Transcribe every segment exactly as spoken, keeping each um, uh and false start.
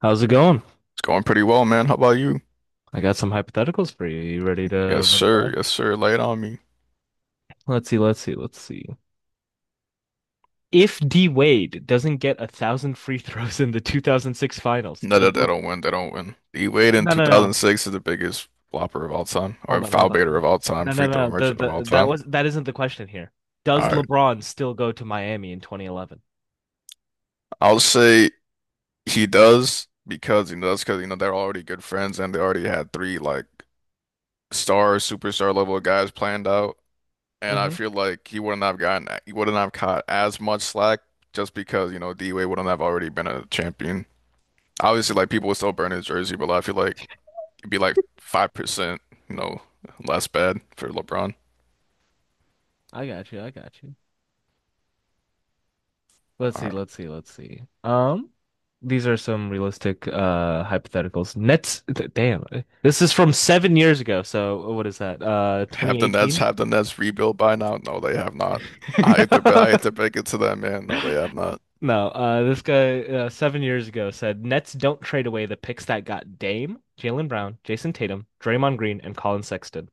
How's it going? It's going pretty well, man. How about you? I got some hypotheticals for you. You ready to Yes, run it by? sir. Yes, sir. Lay it on me. Let's see, let's see, let's see. If D Wade doesn't get a thousand free throws in the two thousand six finals, No, does that they Le don't win. They don't win. D Wade in no, no, no. twenty oh six is the biggest flopper of all time, or Hold on, hold foul baiter on. of all time, No, no, free throw no. The, merchant of all the that time. was that isn't the question here. Does All right. LeBron still go to Miami in twenty eleven? I'll say he does because he does because you know they're already good friends, and they already had three like star, superstar level guys planned out. And I Mm-hmm. feel like he wouldn't have gotten he wouldn't have caught as much slack just because, you know, D Wade wouldn't have already been a champion. Obviously, like people would still burn his jersey, but I feel like it'd be like five percent, you know, less bad for LeBron. I got you. I got you. Let's All see, right. let's see, let's see. Um, these are some realistic uh hypotheticals. Nets, th- damn. This is from seven years ago, so what is that? Uh, Have the Nets twenty eighteen? have the Nets rebuilt by now? No, they have not. I hate to I hate to break it to them, man. No, they have not. no, uh, This guy, uh, seven years ago, said Nets don't trade away the picks that got Dame, Jalen Brown, Jason Tatum, Draymond Green, and Colin Sexton.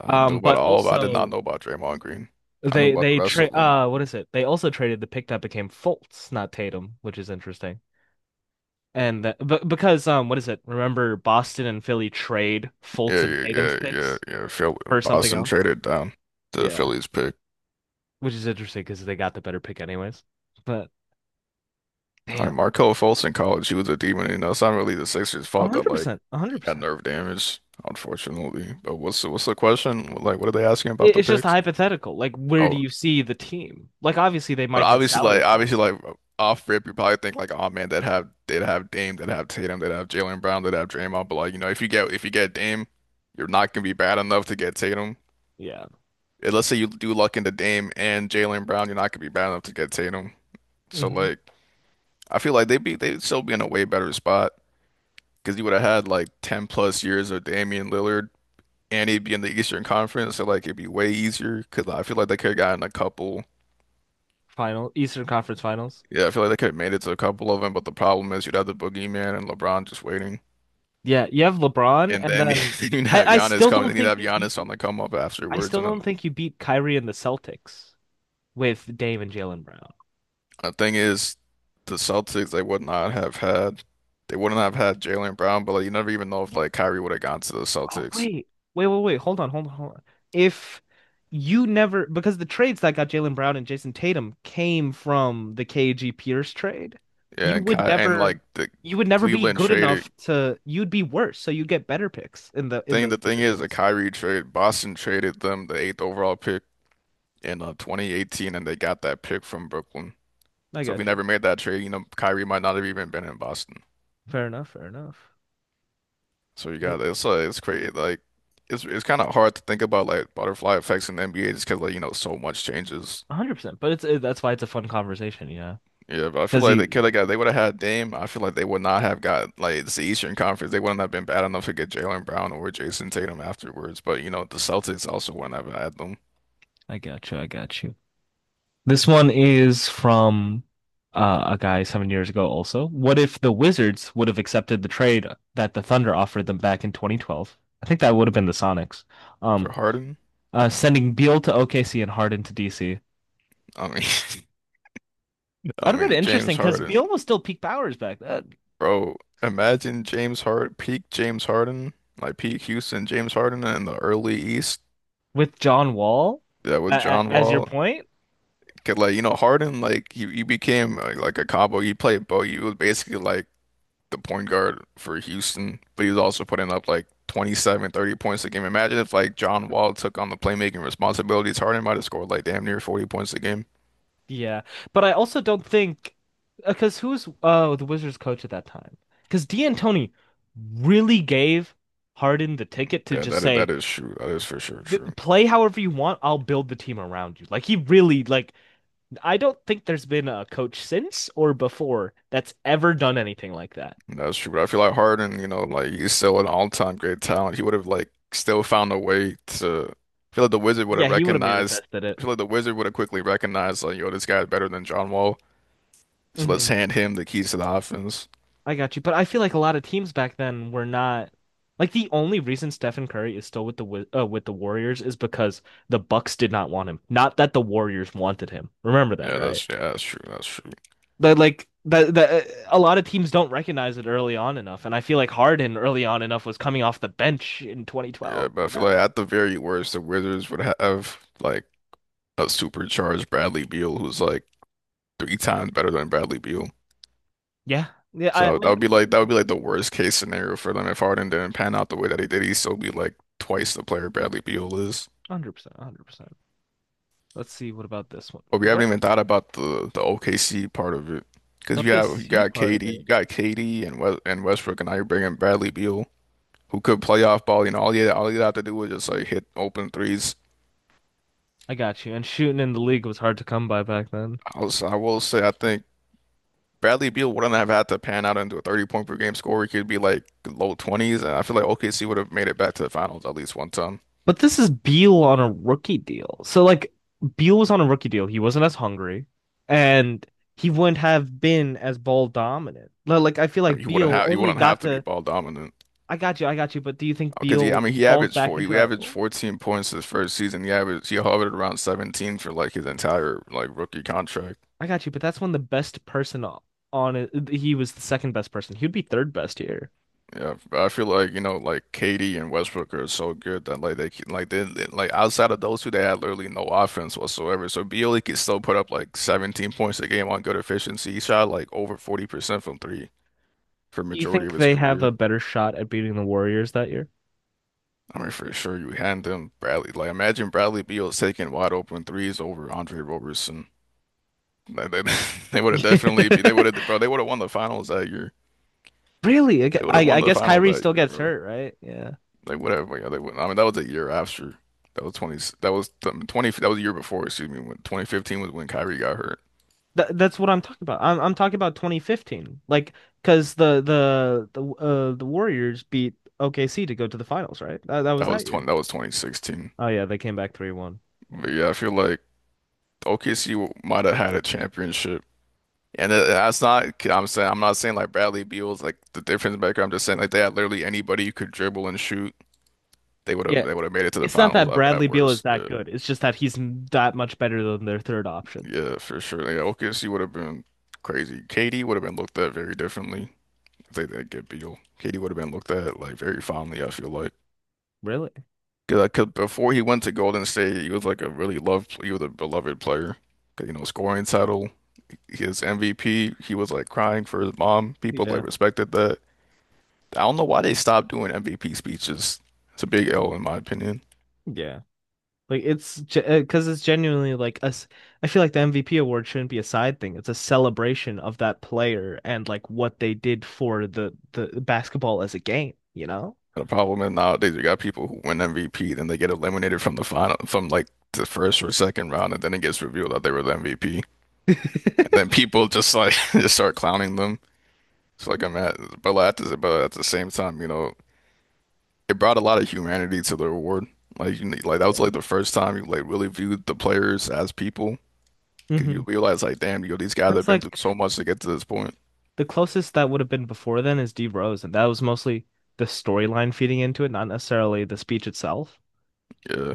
I knew Um, about But all, but I did not also, know about Draymond Green. I knew they about the they rest of trade, them. uh what is it? They also traded the pick that became Fultz, not Tatum, which is interesting. And that, but because um what is it? Remember Boston and Philly trade Fultz Yeah, and yeah, Tatum's yeah, yeah, picks yeah. Phil, for something Boston else? traded down the Yeah, Phillies pick. which is interesting because they got the better pick anyways. But All right, damn. Markelle Fultz in college, he was a demon. You know, it's not really the Sixers' fault that like one hundred percent, he got one hundred percent. nerve damage, unfortunately. But what's the, what's the question? Like, what are they asking about the It's just a picks? hypothetical. Like, where do Oh, you see the team? Like, obviously, they but might hit obviously, like salary cap. obviously, like off rip, you probably think like, oh man, they'd have they'd have Dame, they'd have Tatum, they'd have Jaylen Brown, they'd have Draymond. But like you know, if you get if you get Dame, you're not gonna be bad enough to get Tatum. Yeah. And let's say you do luck into Dame and Jaylen Brown, you're not gonna be bad enough to get Tatum. So Hmm. like, I feel like they'd be they'd still be in a way better spot because you would have had like ten plus years of Damian Lillard, and he'd be in the Eastern Conference, so like it'd be way easier. Because I feel like they could have gotten a couple. Final Eastern Conference Finals. Yeah, I feel like they could have made it to a couple of them, but the problem is you'd have the boogeyman and LeBron just waiting. Yeah, you have LeBron, And and then then they need to have I, I Giannis still coming. don't They need to think have you Giannis on beat. the come up I afterwards. still And the, don't think you beat Kyrie and the Celtics with Dame and Jalen Brown. the thing is, the Celtics, they would not have had, they wouldn't have had Jaylen Brown, but like, you never even know if like Kyrie would have gone to the Oh Celtics. wait, wait, wait, wait. Hold on, hold on, hold on. If you never, because the trades that got Jalen Brown and Jason Tatum came from the K G Pierce trade, Yeah, you and Ky would and never, like the you would never be Cleveland good enough traded. to. You'd be worse, so you get better picks in the in Thing those the thing is, the positions. Kyrie trade, Boston traded them the eighth overall pick in uh, twenty eighteen, and they got that pick from Brooklyn. I So if we got you. never made that trade, you know, Kyrie might not have even been in Boston. Fair enough. Fair enough. So you One got it's uh, it's crazy. Like it's it's kind of hard to think about like butterfly effects in the N B A just because like you know so much changes. hundred percent. But it's it, that's why it's a fun conversation. Yeah, Yeah, but I feel Because like they you, could have got they would have had Dame. I feel like they would not have got like it's the Eastern Conference. They wouldn't have been bad enough to get Jalen Brown or Jason Tatum afterwards. But you know the Celtics also wouldn't have had them I got you. I got you. This one is from uh, a guy seven years ago also. What if the Wizards would have accepted the trade that the Thunder offered them back in twenty twelve? I think that would have been the Sonics. Um, for Harden. Uh, sending Beal to O K C and Harden to D C. I mean, I That would have been mean interesting James because Harden, Beal was still peak powers back then. bro. Imagine James Harden, peak James Harden, like peak Houston James Harden in the early East. With John Wall, Yeah, with uh, John as your Wall. point. Cause like you know Harden like he, he became like, like a combo. He played Bo. He was basically like the point guard for Houston, but he was also putting up like twenty-seven, thirty points a game. Imagine if like John Wall took on the playmaking responsibilities. Harden might have scored like damn near forty points a game. Yeah, but I also don't think, because who's, uh, the Wizards coach at that time? Because D'Antoni really gave Harden the ticket to Yeah, just that is say, that is true. That is for sure d true. play however you want. I'll build the team around you. Like he really like I don't think there's been a coach since or before that's ever done anything like that. That's true. But I feel like Harden, you know, like he's still an all-time great talent. He would have like still found a way to I feel like the Wizard would Yeah, have he would have recognized manifested it. I feel like the Wizard would have quickly recognized like, yo, this guy's better than John Wall. So let's Hmm. hand him the keys to the offense. I got you. But I feel like a lot of teams back then were not, like, the only reason Stephen Curry is still with the Wi- uh, with the Warriors is because the Bucks did not want him. Not that the Warriors wanted him. Remember that, Yeah, right? that's yeah, that's true. That's true. But like that that a lot of teams don't recognize it early on enough, and I feel like Harden early on enough was coming off the bench in Yeah, twenty twelve. but I You feel like know? at the very worst, the Wizards would have like a supercharged Bradley Beal who's like three times better than Bradley Beal. Yeah, yeah. I, I So that would be like that would be like the one hundred percent, worst case scenario for them if Harden didn't pan out the way that he did. He'd still be like twice the player Bradley Beal is. one hundred percent. Let's see. What about this one? But we What haven't even thought about the the O K C part of it because you have you O K C got part of K D, you it? got K D and West, and Westbrook, and now you're bringing Bradley Beal, who could play off ball. You know, all you all you have to do is just like hit open threes. I got you. And shooting in the league was hard to come by back then. I was, I will say, I think Bradley Beal wouldn't have had to pan out into a thirty point per game score. He could be like low twenties, and I feel like O K C would have made it back to the finals at least one time. But this is Beal on a rookie deal. So like Beal was on a rookie deal. He wasn't as hungry, and he wouldn't have been as ball dominant. Like I feel I mean, like he wouldn't Beal have he only wouldn't have got to be to ball dominant I got you, I got you. But do you think because he. I Beal mean, he falls averaged back four. into He that averaged role? fourteen points his first season. He averaged he hovered around seventeen for like his entire like rookie contract. I got you, but that's when the best person o- on it, he was the second best person. He'd be third best here. Yeah, I feel like, you know, like Katie and Westbrook are so good that like they can- like they they- like outside of those two they had literally no offense whatsoever. So Beal could still put up like seventeen points a game on good efficiency. He shot like over forty percent from three for Do you majority of think his they have a career. better shot at beating the Warriors that year? I mean, for sure you hand him Bradley. Like imagine Bradley Beal taking wide open threes over Andre Roberson. Like, they they would have definitely be they would have bro they would have won the finals that year. Really? I, gu- They would I have won I the guess finals Kyrie that still year, gets bro. hurt, right? Yeah. Like whatever, yeah, they wouldn't. I mean, that was a year after. That was twenty. That was um, twenty. That was a year before. Excuse me. When twenty fifteen was when Kyrie got hurt. Th That's what I'm talking about. I'm I'm talking about twenty fifteen. Like, because the the the uh the Warriors beat O K C to go to the finals, right? That, that was That that was year. 20. That was twenty sixteen. Oh yeah, they came back three one. Yeah, But like- yeah, I feel like O K C might have had a championship. And it- that's not. I'm saying. I'm not saying like Bradley Beal's like the difference maker. I'm just saying like they had literally anybody who could dribble and shoot. They would have. yeah. They would have made it to the It's not finals that at, at Bradley Beal is worst. that Yeah, good. It's just that he's that much better than their third option. yeah, for sure. Yeah, O K C would have been crazy. K D would have been looked at very differently. I think that good Beal. K D would have been looked at like very fondly, I feel like. Really? Because before he went to Golden State, he was like a really loved, he was a beloved player. 'Cause, you know, scoring title, his M V P, he was like crying for his mom. People like Yeah. respected that. I don't know why they stopped doing M V P speeches. It's a big L in my opinion. Yeah. Like it's because it's genuinely like us. I feel like the M V P award shouldn't be a side thing. It's a celebration of that player and like what they did for the the basketball as a game, you know? The problem is nowadays you got people who win M V P, then they get eliminated from the final, from like the first or second round, and then it gets revealed that they were the M V P. And then people just like just start clowning them. So like I'm at, but like, at the, but at the same time, you know, it brought a lot of humanity to the reward. Like you, like that was Yeah. like the first time you like really viewed the players as people. 'Cause Mm-hmm. you realize like, damn, yo, these guys have It's been through like so much to get to this point. the closest that would have been before then is D Rose, and that was mostly the storyline feeding into it, not necessarily the speech itself. Yeah.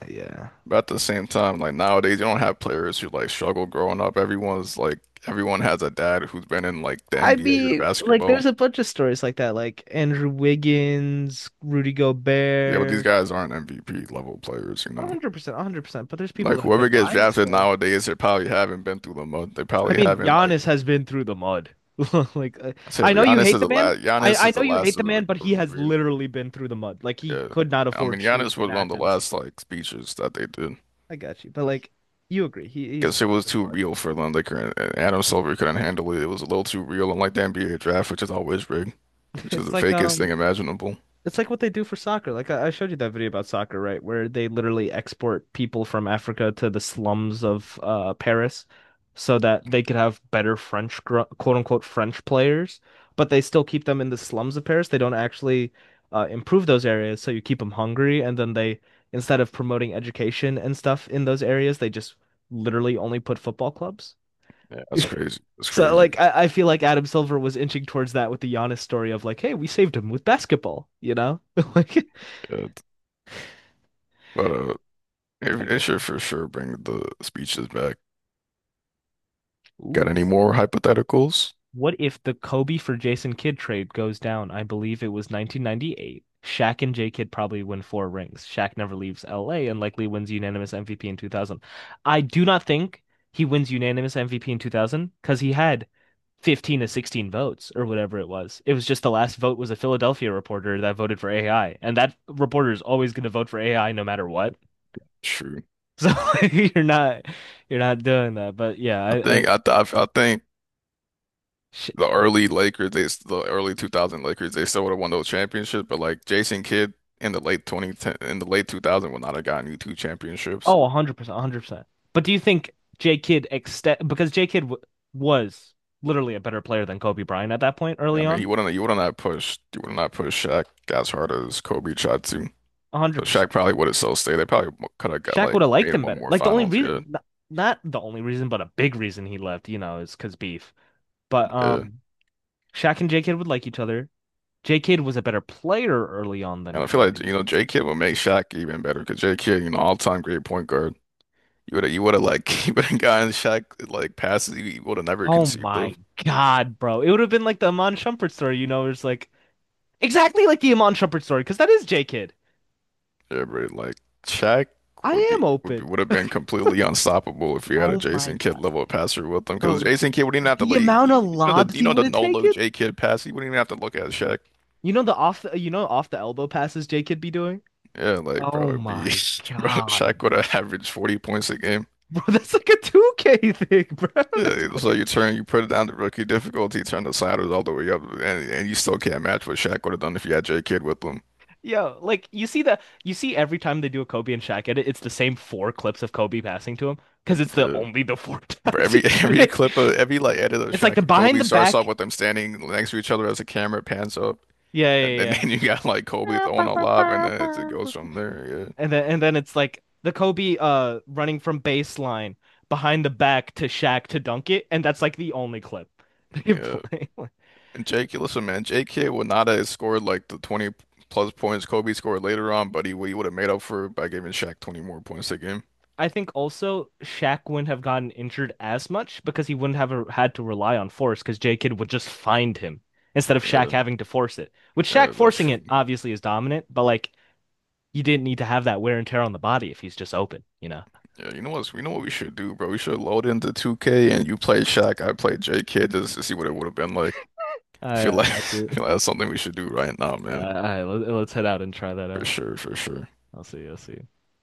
Uh, Yeah. But at the same time, like nowadays, you don't have players who like struggle growing up. Everyone's like, everyone has a dad who's been in like the I N B A or mean, like, basketball. there's a bunch of stories like that, like Andrew Wiggins, Rudy Yeah, but these Gobert. guys aren't M V P level players, you know. one hundred percent, one hundred percent. But there's people Like that whoever could gets rise drafted to. nowadays, they probably haven't been through the mud. They I probably mean, haven't like Giannis has been through the mud. Like, uh, I said I know you Giannis hate is the the man. last. I, Giannis I is know the you hate last the of the man, but he of the has breed. literally been through the mud. Like, he Yeah, could not I afford mean shoes Giannis in was one of the Athens. last like speeches that they did I got you. But, like, you agree. He, he's because it been was through the too mud. real for them. They couldn't. Adam Silver couldn't handle it. It was a little too real, unlike the N B A draft, which is always rigged, which is It's the like, fakest thing um, imaginable. It's like what they do for soccer. Like I I showed you that video about soccer, right? Where they literally export people from Africa to the slums of uh Paris so that they could have better French, gr- quote unquote French players, but they still keep them in the slums of Paris. They don't actually uh, improve those areas, so you keep them hungry, and then they, instead of promoting education and stuff in those areas, they just literally only put football clubs. Yeah, that's crazy. That's So crazy. like I, I feel like Adam Silver was inching towards that with the Giannis story of like, hey, we saved him with basketball, you know? Like Yeah. But uh, I it, it got should you. for sure bring the speeches back. Got Ooh, any this. more hypotheticals? What if the Kobe for Jason Kidd trade goes down? I believe it was nineteen ninety-eight. Shaq and J Kidd probably win four rings. Shaq never leaves L A and likely wins unanimous M V P in two thousand. I do not think he wins unanimous M V P in two thousand because he had fifteen to sixteen votes or whatever it was. It was just the last vote was a Philadelphia reporter that voted for A I, and that reporter is always going to vote for A I no matter what. Sure. So you're not you're not doing that. But yeah, I I, I think I I, I think sh the early Lakers, they the early two thousand Lakers, they still would have won those championships, but like Jason Kidd in the late two thousand ten in the late two thousands would not have gotten you two championships. oh, one hundred percent, one hundred percent. But do you think J Kidd extend, because J Kidd w was literally a better player than Kobe Bryant at that point Yeah, I early mean, he on? wouldn't He wouldn't have pushed He would not push Shaq as hard as Kobe tried to. So Shaq one hundred percent. probably would have still stayed. They probably could have got Shaq like would have liked made him one better. more Like the only finals. Yeah, reason not, not the only reason, but a big reason he left, you know, is because beef. But yeah. um Shaq and J Kidd would like each other. J Kidd was a better player early on than And I feel like Kobe. you know J Kidd would make Shaq even better because J Kidd, you know, all time great point guard. You would have you would have like you would have gotten Shaq like passes you would have never Oh conceived my of. God, bro. It would have been like the Amon Shumpert story, you know, it's like exactly like the Amon Shumpert story, because that is J Kidd. Everybody like Shaq I would am be would be, open. would have been completely unstoppable if he had a Oh my Jason Kidd God, level passer with him because bro. Jason Kidd wouldn't even have to The like you, amount of you know the lobs you he know would the have no look taken. J Kidd pass. He wouldn't even have to look at Shaq. You know the off the, you know off the elbow passes J Kidd be doing? Yeah, like bro, Oh it'd be my bro, God, Shaq would bro. have averaged forty points a game. Bro, that's like a two K thing, bro. That's Yeah, so you crazy. turn you put it down to rookie difficulty, turn the sliders all the way up, and, and you still can't match what Shaq would have done if you had J Kidd with him. Yo, like you see the you see every time they do a Kobe and Shaq edit, it's the same four clips of Kobe passing to him because it's the Yeah. only the four Bro, times he every did every it. clip of every like edit of It's like the Shaq and behind Kobe the starts off back. with them standing next to each other as the camera pans up. Yeah, And then, yeah, yeah, then you got like Kobe throwing a lob, and then it, it goes yeah. from there. And then, and then it's like the Kobe, uh running from baseline behind the back to Shaq to dunk it, and that's like the only clip they Yeah, yeah. play. And J K listen, man, J K would not have scored like the twenty plus points Kobe scored later on, but he, he would have made up for it by giving Shaq twenty more points a game. I think also Shaq wouldn't have gotten injured as much because he wouldn't have a, had to rely on force because J Kidd would just find him instead of Shaq Yeah, having to force it. With Shaq yeah, that's forcing true. it, obviously is dominant, but like you didn't need to have that wear and tear on the body if he's just open, you know. Yeah, you know what's, you know what we should do, bro? We should load into two K and you play Shaq, I play J K just to see what it would have been like. I I, feel I like got you. I feel like that's something we should do right now, Uh, man. All right, let, let's head out and try that For out. sure, for sure. I'll see you. I'll see you.